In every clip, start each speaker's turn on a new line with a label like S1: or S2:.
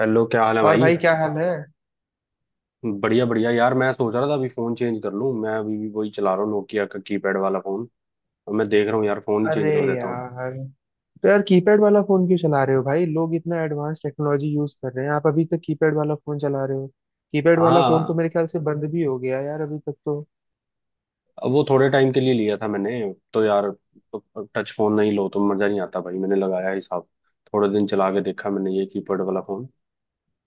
S1: Hello, क्या हाल है
S2: और
S1: भाई।
S2: भाई क्या हाल है।
S1: बढ़िया बढ़िया यार, मैं सोच रहा था अभी फोन चेंज कर लूं। मैं अभी भी वही चला रहा हूँ, नोकिया का कीपैड वाला फोन। अब मैं देख रहा हूँ यार, फोन ही
S2: अरे
S1: चेंज कर देता हूँ।
S2: यार। तो यार कीपैड वाला फोन क्यों चला रहे हो भाई? लोग इतना एडवांस टेक्नोलॉजी यूज कर रहे हैं, आप अभी तक कीपैड वाला फोन चला रहे हो। कीपैड वाला फोन तो
S1: हाँ।
S2: मेरे ख्याल से बंद भी हो गया यार अभी तक तो।
S1: अब वो थोड़े टाइम के लिए लिया था मैंने। तो यार, तो टच फोन नहीं लो तो मजा नहीं आता भाई, मैंने लगाया ही साहब। थोड़े दिन चला के देखा मैंने ये कीपैड वाला फोन।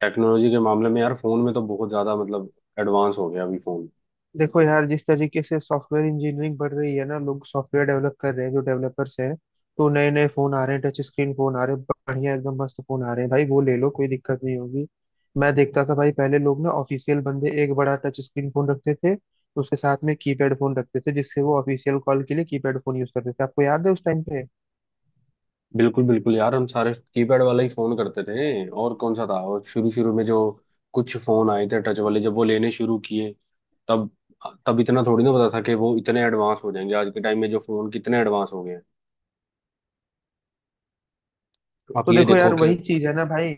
S1: टेक्नोलॉजी के मामले में यार फोन में तो बहुत ज्यादा मतलब एडवांस हो गया अभी फोन।
S2: देखो यार, जिस तरीके से सॉफ्टवेयर इंजीनियरिंग बढ़ रही है ना, लोग सॉफ्टवेयर डेवलप कर रहे हैं, जो डेवलपर्स हैं, तो नए नए फोन आ रहे हैं, टच स्क्रीन फोन आ रहे हैं, बढ़िया एकदम मस्त फोन आ रहे हैं भाई, वो ले लो, कोई दिक्कत नहीं होगी। मैं देखता था भाई, पहले लोग ना ऑफिशियल बंदे एक बड़ा टच स्क्रीन फोन रखते थे, उसके साथ में कीपैड फोन रखते थे, जिससे वो ऑफिशियल कॉल के लिए कीपैड फोन यूज करते थे। आपको याद है उस टाइम पे?
S1: बिल्कुल बिल्कुल यार, हम सारे कीपैड वाला ही फोन करते थे और कौन सा था, और शुरू शुरू में जो कुछ फोन आए थे टच वाले, जब वो लेने शुरू किए। तब तब इतना थोड़ी ना पता था कि वो इतने एडवांस हो जाएंगे आज के टाइम में, जो फोन कितने एडवांस हो गए हैं। आप
S2: तो
S1: ये
S2: देखो
S1: देखो
S2: यार,
S1: कि
S2: वही चीज है ना भाई,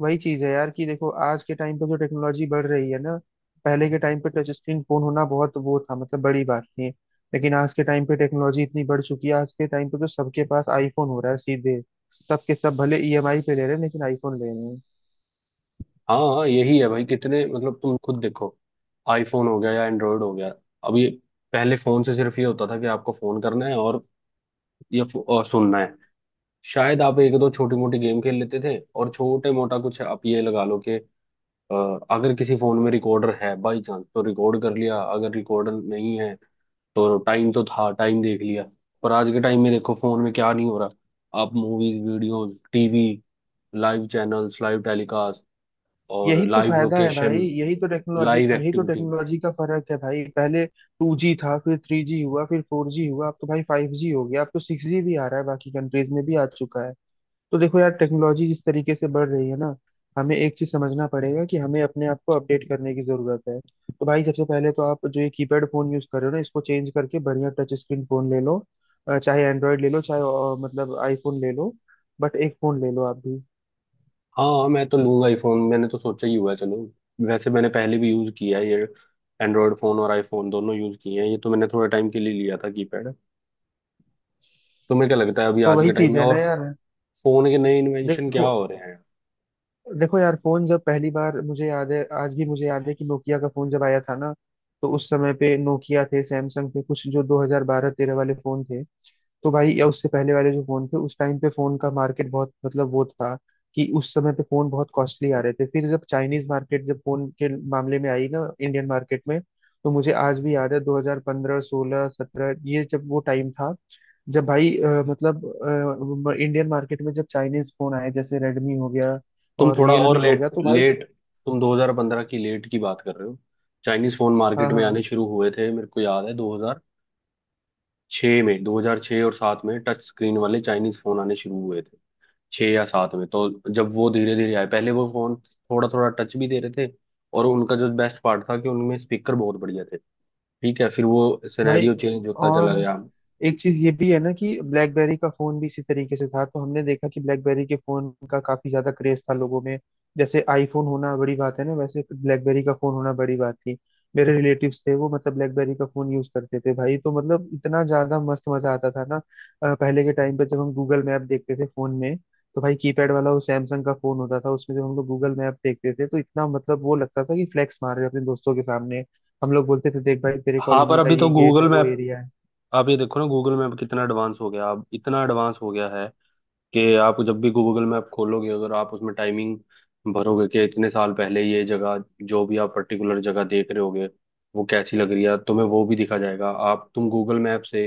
S2: वही चीज है यार कि देखो आज के टाइम पे जो टेक्नोलॉजी बढ़ रही है ना, पहले के टाइम पे टच स्क्रीन फोन होना बहुत वो था, मतलब बड़ी बात थी। लेकिन आज के टाइम पे टेक्नोलॉजी इतनी बढ़ चुकी है, आज के टाइम पे तो सबके पास आईफोन हो रहा है सीधे। सबके सब भले ईएमआई पे ले रहे हैं लेकिन आईफोन ले रहे हैं।
S1: हाँ हाँ, यही है भाई, कितने मतलब तुम खुद देखो। आईफोन हो गया या एंड्रॉयड हो गया। अब ये, पहले फोन से सिर्फ ये होता था कि आपको फोन करना है और और सुनना है। शायद आप एक दो छोटी मोटी गेम खेल लेते थे, और छोटे मोटा कुछ आप ये लगा लो। अ, अगर किसी फोन में रिकॉर्डर है बाई चांस तो रिकॉर्ड कर लिया। अगर रिकॉर्डर नहीं है तो टाइम तो था, टाइम देख लिया। पर आज के टाइम में देखो फोन में क्या नहीं हो रहा। आप movies, videos, TV, live channels, live telecast और
S2: यही तो
S1: लाइव
S2: फायदा है भाई,
S1: लोकेशन, लाइव
S2: यही तो
S1: एक्टिविटी।
S2: टेक्नोलॉजी का फर्क है भाई। पहले 2G था, फिर 3G हुआ, फिर 4G हुआ, अब तो भाई 5G हो गया, अब तो 6G भी आ रहा है, बाकी कंट्रीज में भी आ चुका है। तो देखो यार, टेक्नोलॉजी जिस तरीके से बढ़ रही है ना, हमें एक चीज समझना पड़ेगा कि हमें अपने आप को अपडेट करने की जरूरत है। तो भाई सबसे पहले तो आप जो ये कीपैड फोन यूज कर रहे हो ना, इसको चेंज करके बढ़िया टच स्क्रीन फोन ले लो, चाहे एंड्रॉयड ले लो, चाहे मतलब आईफोन ले लो, बट एक फोन ले लो आप भी।
S1: हाँ, मैं तो लूंगा आईफोन, मैंने तो सोचा ही हुआ है। चलो, वैसे मैंने पहले भी यूज किया है, ये एंड्रॉयड फोन और आईफोन दोनों यूज किए हैं। ये तो मैंने थोड़े टाइम के लिए लिया था, कीपैड। तुम्हें क्या लगता है अभी
S2: तो
S1: आज
S2: वही
S1: के टाइम
S2: चीज
S1: में,
S2: है ना
S1: और
S2: यार।
S1: फोन के नए इन्वेंशन क्या
S2: देखो
S1: हो रहे हैं।
S2: देखो यार, फोन जब पहली बार मुझे याद है, आज भी मुझे याद है कि नोकिया का फोन जब आया था ना, तो उस समय पे नोकिया थे, सैमसंग थे, कुछ जो 2012-13 वाले फोन थे। तो भाई या उससे पहले वाले जो फोन थे, उस टाइम पे फोन का मार्केट बहुत मतलब वो था, कि उस समय पे फोन बहुत कॉस्टली आ रहे थे। फिर जब चाइनीज मार्केट जब फोन के मामले में आई ना इंडियन मार्केट में, तो मुझे आज भी याद है 2015 16 17 ये जब वो टाइम था, जब भाई मतलब इंडियन मार्केट में जब चाइनीज फोन आए, जैसे रेडमी हो गया
S1: तुम
S2: और
S1: थोड़ा और
S2: रियलमी हो
S1: लेट
S2: गया, तो भाई
S1: लेट। तुम 2015 की लेट की बात कर रहे हो। चाइनीज फोन
S2: हाँ
S1: मार्केट में आने
S2: हाँ
S1: शुरू हुए थे मेरे को याद है 2006 में। 2006 और 7 में टच स्क्रीन वाले चाइनीज फोन आने शुरू हुए थे। 6 या 7 में तो, जब वो धीरे धीरे आए, पहले वो फोन थोड़ा थोड़ा टच भी दे रहे थे। और उनका जो बेस्ट पार्ट था कि उनमें स्पीकर बहुत बढ़िया थे। ठीक है, फिर वो
S2: भाई।
S1: सिनेरियो चेंज होता चला
S2: और
S1: गया।
S2: एक चीज ये भी है ना कि ब्लैकबेरी का फोन भी इसी तरीके से था, तो हमने देखा कि ब्लैकबेरी के फोन का काफी ज्यादा क्रेज था लोगों में। जैसे आईफोन होना बड़ी बात है ना, वैसे ब्लैकबेरी का फोन होना बड़ी बात थी। मेरे रिलेटिव्स थे वो, मतलब ब्लैकबेरी का फोन यूज करते थे भाई, तो मतलब इतना ज्यादा मस्त मजा आता था ना। पहले के टाइम पे जब हम गूगल मैप देखते थे फोन में, तो भाई कीपैड वाला वो सैमसंग का फोन होता था, उसमें जब हम लोग गूगल मैप देखते थे तो इतना मतलब वो लगता था कि फ्लेक्स मार रहे हैं अपने दोस्तों के सामने। हम लोग बोलते थे देख भाई तेरे
S1: हाँ, पर
S2: कॉलोनी का
S1: अभी तो
S2: ये गेट
S1: गूगल
S2: है वो
S1: मैप,
S2: एरिया है।
S1: आप ये देखो ना, गूगल मैप कितना एडवांस हो गया। अब इतना एडवांस हो गया है कि आप जब भी गूगल मैप खोलोगे, अगर आप उसमें टाइमिंग भरोगे कि इतने साल पहले ये जगह, जो भी आप पर्टिकुलर जगह देख रहे होगे, वो कैसी लग रही है तुम्हें, वो भी दिखा जाएगा। आप तुम गूगल मैप से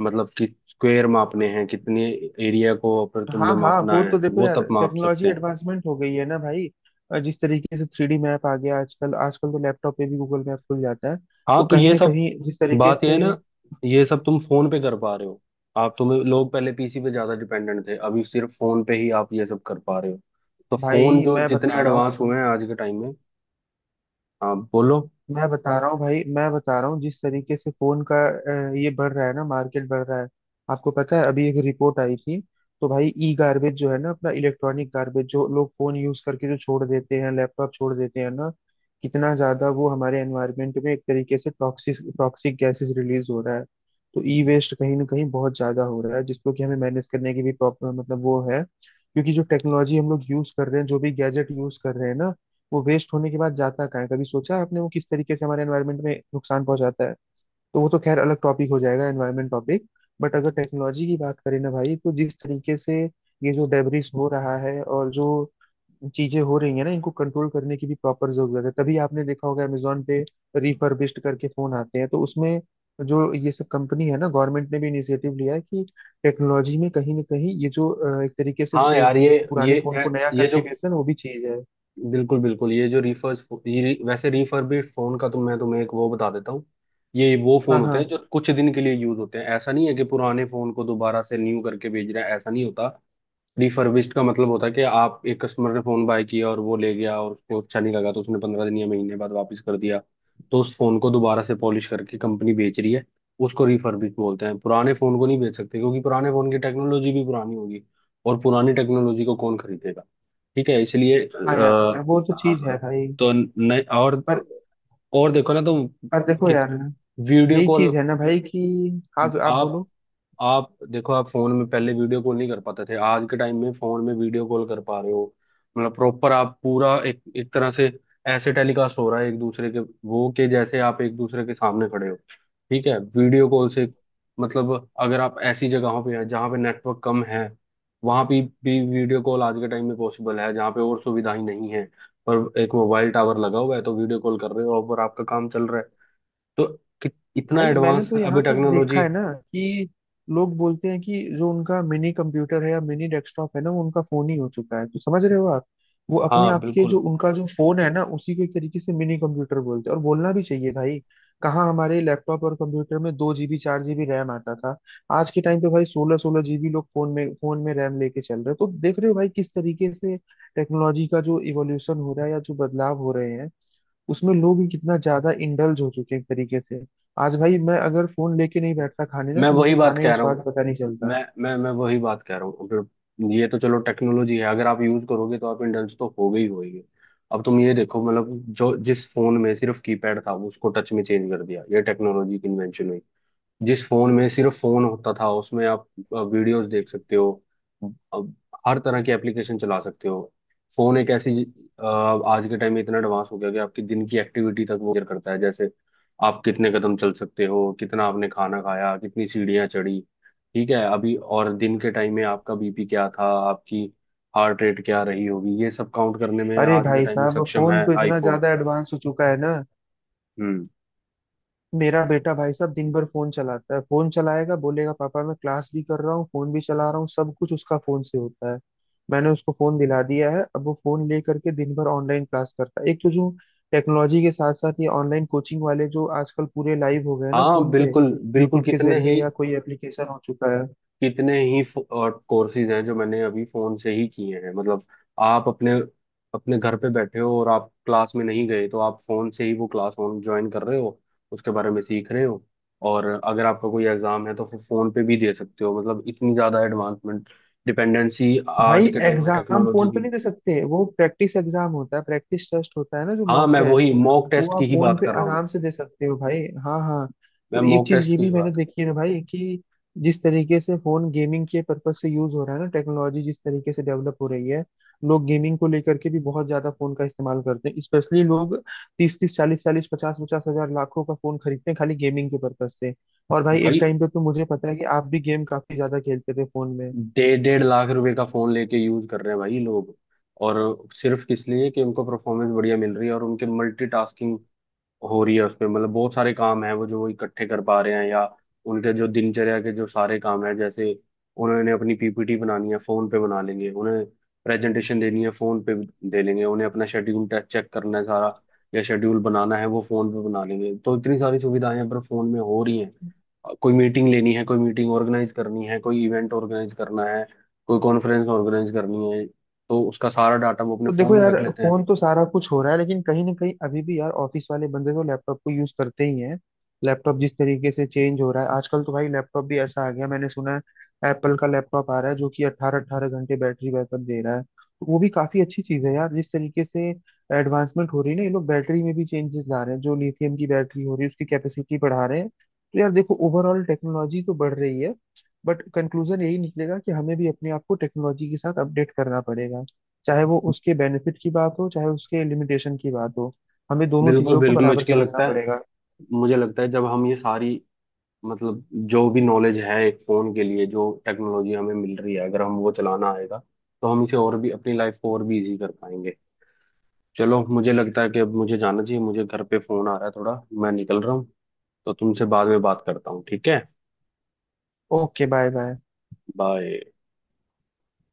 S1: मतलब कि स्क्वायर मापने हैं कितने एरिया को, पर तुमने
S2: हाँ हाँ,
S1: मापना
S2: वो
S1: है
S2: तो देखो
S1: वो
S2: यार
S1: तब माप
S2: टेक्नोलॉजी
S1: सकते हैं।
S2: एडवांसमेंट हो गई है ना भाई। जिस तरीके से 3D मैप आ गया आजकल, आजकल तो लैपटॉप पे भी गूगल मैप खुल जाता है,
S1: हाँ,
S2: तो
S1: तो
S2: कहीं
S1: ये
S2: ना
S1: सब,
S2: कहीं जिस तरीके
S1: बात ये
S2: से
S1: है ना, ये सब तुम फोन पे कर पा रहे हो। आप तुम्हें लोग पहले पीसी पे ज्यादा डिपेंडेंट थे, अभी सिर्फ फोन पे ही आप ये सब कर पा रहे हो। तो फोन
S2: भाई
S1: जो जितने एडवांस हुए हैं आज के टाइम में। आप बोलो।
S2: मैं बता रहा हूँ भाई मैं बता रहा हूँ जिस तरीके से फोन का ये बढ़ रहा है ना, मार्केट बढ़ रहा है। आपको पता है अभी एक रिपोर्ट आई थी। तो भाई ई गार्बेज जो है ना, अपना इलेक्ट्रॉनिक गार्बेज जो लोग फोन यूज करके जो छोड़ देते हैं, लैपटॉप छोड़ देते हैं ना, कितना ज्यादा वो हमारे एनवायरमेंट में एक तरीके से टॉक्सिक टॉक्सिक गैसेस रिलीज हो रहा है। तो ई वेस्ट कहीं ना कहीं बहुत ज्यादा हो रहा है, जिसको कि हमें मैनेज करने की भी प्रॉब्लम मतलब वो है, क्योंकि जो टेक्नोलॉजी हम लोग यूज कर रहे हैं, जो भी गैजेट यूज कर रहे हैं ना, वो वेस्ट होने के बाद जाता कहाँ है, कभी सोचा है आपने, वो किस तरीके से हमारे एनवायरनमेंट में नुकसान पहुंचाता है। तो वो तो खैर अलग टॉपिक हो जाएगा, एनवायरनमेंट टॉपिक। बट अगर टेक्नोलॉजी की बात करें ना भाई, तो जिस तरीके से ये जो डेब्रिस हो रहा है और जो चीजें हो रही है ना, इनको कंट्रोल करने की भी प्रॉपर जरूरत है। तभी आपने देखा होगा अमेजोन पे रिफर्बिश्ड करके फोन आते हैं, तो उसमें जो ये सब कंपनी है ना, गवर्नमेंट ने भी इनिशिएटिव लिया है कि टेक्नोलॉजी में कहीं ना कहीं ये जो एक तरीके से
S1: हाँ
S2: एक
S1: यार, ये ये
S2: पुराने फोन को नया
S1: ये जो,
S2: करके बेचना, वो भी चीज है।
S1: बिल्कुल बिल्कुल, ये जो रिफर्स ये वैसे रिफर्बिश्ड फोन का तो मैं तुम्हें एक वो बता देता हूँ। ये वो फोन
S2: हाँ
S1: होते
S2: हाँ
S1: हैं जो कुछ दिन के लिए यूज होते हैं, ऐसा नहीं है कि पुराने फोन को दोबारा से न्यू करके भेज रहे हैं, ऐसा नहीं होता। रिफर्बिश्ड का मतलब होता है कि आप, एक कस्टमर ने फोन बाय किया और वो ले गया, और उसको अच्छा नहीं लगा तो उसने 15 दिन या महीने बाद वापस कर दिया। तो उस फोन को दोबारा से पॉलिश करके कंपनी बेच रही है, उसको रिफर्बिश बोलते हैं। पुराने फोन को नहीं बेच सकते, क्योंकि पुराने फोन की टेक्नोलॉजी भी पुरानी होगी, और पुरानी टेक्नोलॉजी को कौन खरीदेगा। ठीक है, इसलिए
S2: हाँ, यार वो तो चीज है
S1: हाँ,
S2: भाई।
S1: तो नए और
S2: पर
S1: देखो ना, तो
S2: पर देखो
S1: कि
S2: यार,
S1: वीडियो
S2: यही
S1: कॉल।
S2: चीज है ना भाई कि हाँ आप
S1: आप
S2: बोलो।
S1: आप देखो, आप फोन में पहले वीडियो कॉल नहीं कर पाते थे, आज के टाइम में फोन में वीडियो कॉल कर पा रहे हो। मतलब प्रॉपर आप पूरा एक एक तरह से ऐसे टेलीकास्ट हो रहा है एक दूसरे के, वो के जैसे आप एक दूसरे के सामने खड़े हो। ठीक है, वीडियो कॉल से मतलब अगर आप ऐसी जगहों पे हैं जहाँ पे नेटवर्क कम है, वहां पे भी वीडियो कॉल आज के टाइम में पॉसिबल है। जहाँ पे और सुविधाएं नहीं है पर एक मोबाइल टावर लगा हुआ है, तो वीडियो कॉल कर रहे हो और आपका काम चल रहा है। तो कि- इतना
S2: भाई मैंने
S1: एडवांस
S2: तो
S1: अभी
S2: यहाँ तक देखा
S1: टेक्नोलॉजी।
S2: है ना, कि लोग बोलते हैं कि जो उनका मिनी कंप्यूटर है या मिनी डेस्कटॉप है ना, वो उनका फोन ही हो चुका है, तो समझ रहे हो आप। वो अपने
S1: हाँ
S2: आप के जो
S1: बिल्कुल।
S2: उनका जो फोन है ना, उसी को एक तरीके से मिनी कंप्यूटर बोलते हैं, और बोलना भी चाहिए भाई। कहाँ हमारे लैपटॉप और कंप्यूटर में 2 जीबी 4 जीबी रैम आता था, आज के टाइम पे भाई सोलह सोलह जीबी लोग फोन में रैम लेके चल रहे हैं, तो देख रहे हो भाई किस तरीके से टेक्नोलॉजी का जो इवोल्यूशन हो रहा है या जो बदलाव हो रहे हैं, उसमें लोग ही कितना ज्यादा इंडल्ज हो चुके हैं एक तरीके से। आज भाई मैं अगर फोन लेके नहीं बैठता खाने ना,
S1: मैं
S2: तो
S1: वही
S2: मुझे
S1: बात
S2: खाने का
S1: कह रहा
S2: स्वाद
S1: हूँ,
S2: पता नहीं चलता।
S1: मैं वही बात कह रहा हूँ, अगर ये, तो चलो टेक्नोलॉजी है, अगर आप यूज करोगे तो आप इंडल्ज तो हो गई होगी। अब तुम ये देखो मतलब, जो जिस फोन में सिर्फ कीपैड था, वो उसको टच में चेंज कर दिया, ये टेक्नोलॉजी की इन्वेंशन हुई। जिस फोन में सिर्फ फोन होता था, उसमें आप वीडियोस देख सकते हो, अब हर तरह की एप्लीकेशन चला सकते हो। फोन एक ऐसी, आज के टाइम में इतना एडवांस हो गया कि आपकी दिन की एक्टिविटी तक वो मेजर करता है। जैसे आप कितने कदम चल सकते हो, कितना आपने खाना खाया, कितनी सीढ़ियाँ चढ़ी। ठीक है, अभी और दिन के टाइम में आपका बीपी क्या था, आपकी हार्ट रेट क्या रही होगी, ये सब काउंट करने में
S2: अरे
S1: आज के
S2: भाई
S1: टाइम में
S2: साहब,
S1: सक्षम
S2: फोन
S1: है
S2: तो इतना
S1: आईफोन।
S2: ज्यादा एडवांस हो चुका है ना।
S1: हम्म।
S2: मेरा बेटा भाई साहब दिन भर फोन चलाता है, फोन चलाएगा, बोलेगा पापा मैं क्लास भी कर रहा हूँ फोन भी चला रहा हूँ, सब कुछ उसका फोन से होता है। मैंने उसको फोन दिला दिया है, अब वो फोन ले करके दिन भर ऑनलाइन क्लास करता है, एक तो जो टेक्नोलॉजी के साथ साथ ये ऑनलाइन कोचिंग वाले जो आजकल पूरे लाइव हो गए हैं ना
S1: हाँ
S2: फोन पे,
S1: बिल्कुल बिल्कुल,
S2: यूट्यूब के जरिए या कोई एप्लीकेशन हो चुका है।
S1: कितने ही और कोर्सेज हैं जो मैंने अभी फोन से ही किए हैं। मतलब आप अपने अपने घर पे बैठे हो, और आप क्लास में नहीं गए तो आप फोन से ही वो क्लास ऑन ज्वाइन कर रहे हो, उसके बारे में सीख रहे हो। और अगर आपका कोई एग्जाम है तो फिर फोन पे भी दे सकते हो, मतलब इतनी ज्यादा एडवांसमेंट, डिपेंडेंसी
S2: भाई
S1: आज के टाइम में
S2: एग्जाम
S1: टेक्नोलॉजी
S2: फोन
S1: की।
S2: पे नहीं दे सकते, वो प्रैक्टिस एग्जाम होता है, प्रैक्टिस टेस्ट होता है ना, जो
S1: हाँ,
S2: मॉक
S1: मैं वही
S2: टेस्ट,
S1: मॉक
S2: वो
S1: टेस्ट की
S2: आप
S1: ही
S2: फोन
S1: बात
S2: पे
S1: कर रहा हूँ,
S2: आराम से दे सकते हो भाई। हाँ हाँ।
S1: मैं
S2: तो एक
S1: मॉक
S2: चीज
S1: टेस्ट
S2: ये
S1: की ही
S2: भी मैंने
S1: बात।
S2: देखी है ना भाई, कि जिस तरीके से फोन गेमिंग के पर्पज से यूज हो रहा है ना, टेक्नोलॉजी जिस तरीके से डेवलप हो रही है, लोग गेमिंग को लेकर के भी बहुत ज्यादा फोन का इस्तेमाल करते हैं, स्पेशली लोग तीस तीस चालीस चालीस पचास पचास हजार लाखों का फोन खरीदते हैं खाली गेमिंग के पर्पज से। और भाई एक
S1: भाई,
S2: टाइम पे तो मुझे पता है कि आप भी गेम काफी ज्यादा खेलते थे फोन।
S1: डेढ़ डेढ़ लाख रुपए का फोन लेके यूज कर रहे हैं भाई लोग, और सिर्फ किस लिए, कि उनको परफॉर्मेंस बढ़िया मिल रही है और उनके मल्टीटास्किंग हो रही है उसमें, मतलब बहुत सारे काम हैं वो, जो वो इकट्ठे कर पा रहे हैं। या उनके जो दिनचर्या के जो सारे काम हैं, जैसे उन्होंने अपनी पीपीटी बनानी है, फोन पे बना लेंगे। उन्हें प्रेजेंटेशन देनी है, फोन पे दे लेंगे। उन्हें अपना शेड्यूल चेक करना है सारा, या शेड्यूल बनाना है, वो फोन पे बना लेंगे। तो इतनी सारी सुविधाएं पर फोन में हो रही हैं। कोई मीटिंग लेनी है, कोई मीटिंग ऑर्गेनाइज करनी है, कोई इवेंट ऑर्गेनाइज करना है, कोई कॉन्फ्रेंस ऑर्गेनाइज करनी है, तो उसका सारा डाटा वो अपने
S2: तो
S1: फोन
S2: देखो
S1: में
S2: यार,
S1: रख लेते हैं।
S2: फोन तो सारा कुछ हो रहा है लेकिन कहीं ना कहीं अभी भी यार ऑफिस वाले बंदे तो लैपटॉप को यूज करते ही हैं। लैपटॉप जिस तरीके से चेंज हो रहा है, आजकल तो भाई लैपटॉप भी ऐसा आ गया, मैंने सुना है एप्पल का लैपटॉप आ रहा है जो कि अट्ठारह अट्ठारह घंटे बैटरी बैकअप दे रहा है, तो वो भी काफी अच्छी चीज है यार। जिस तरीके से एडवांसमेंट हो रही है ना, ये लोग बैटरी में भी चेंजेस ला रहे हैं, जो लिथियम की बैटरी हो रही है, उसकी कैपेसिटी बढ़ा रहे हैं, तो यार देखो ओवरऑल टेक्नोलॉजी तो बढ़ रही है। बट कंक्लूजन यही निकलेगा कि हमें भी अपने आप को टेक्नोलॉजी के साथ अपडेट करना पड़ेगा। चाहे वो उसके बेनिफिट की बात हो, चाहे उसके लिमिटेशन की बात हो, हमें दोनों
S1: बिल्कुल
S2: चीजों को
S1: बिल्कुल, मुझे
S2: बराबर
S1: क्या
S2: समझना
S1: लगता है,
S2: पड़ेगा।
S1: मुझे लगता है जब हम ये सारी, मतलब जो भी नॉलेज है एक फोन के लिए, जो टेक्नोलॉजी हमें मिल रही है, अगर हम, वो चलाना आएगा तो हम इसे, और भी अपनी लाइफ को और भी इजी कर पाएंगे। चलो, मुझे लगता है कि अब मुझे जाना चाहिए, मुझे घर पे फोन आ रहा है थोड़ा, मैं निकल रहा हूँ। तो तुमसे बाद में बात करता हूँ, ठीक है।
S2: Okay bye bye.
S1: बाय।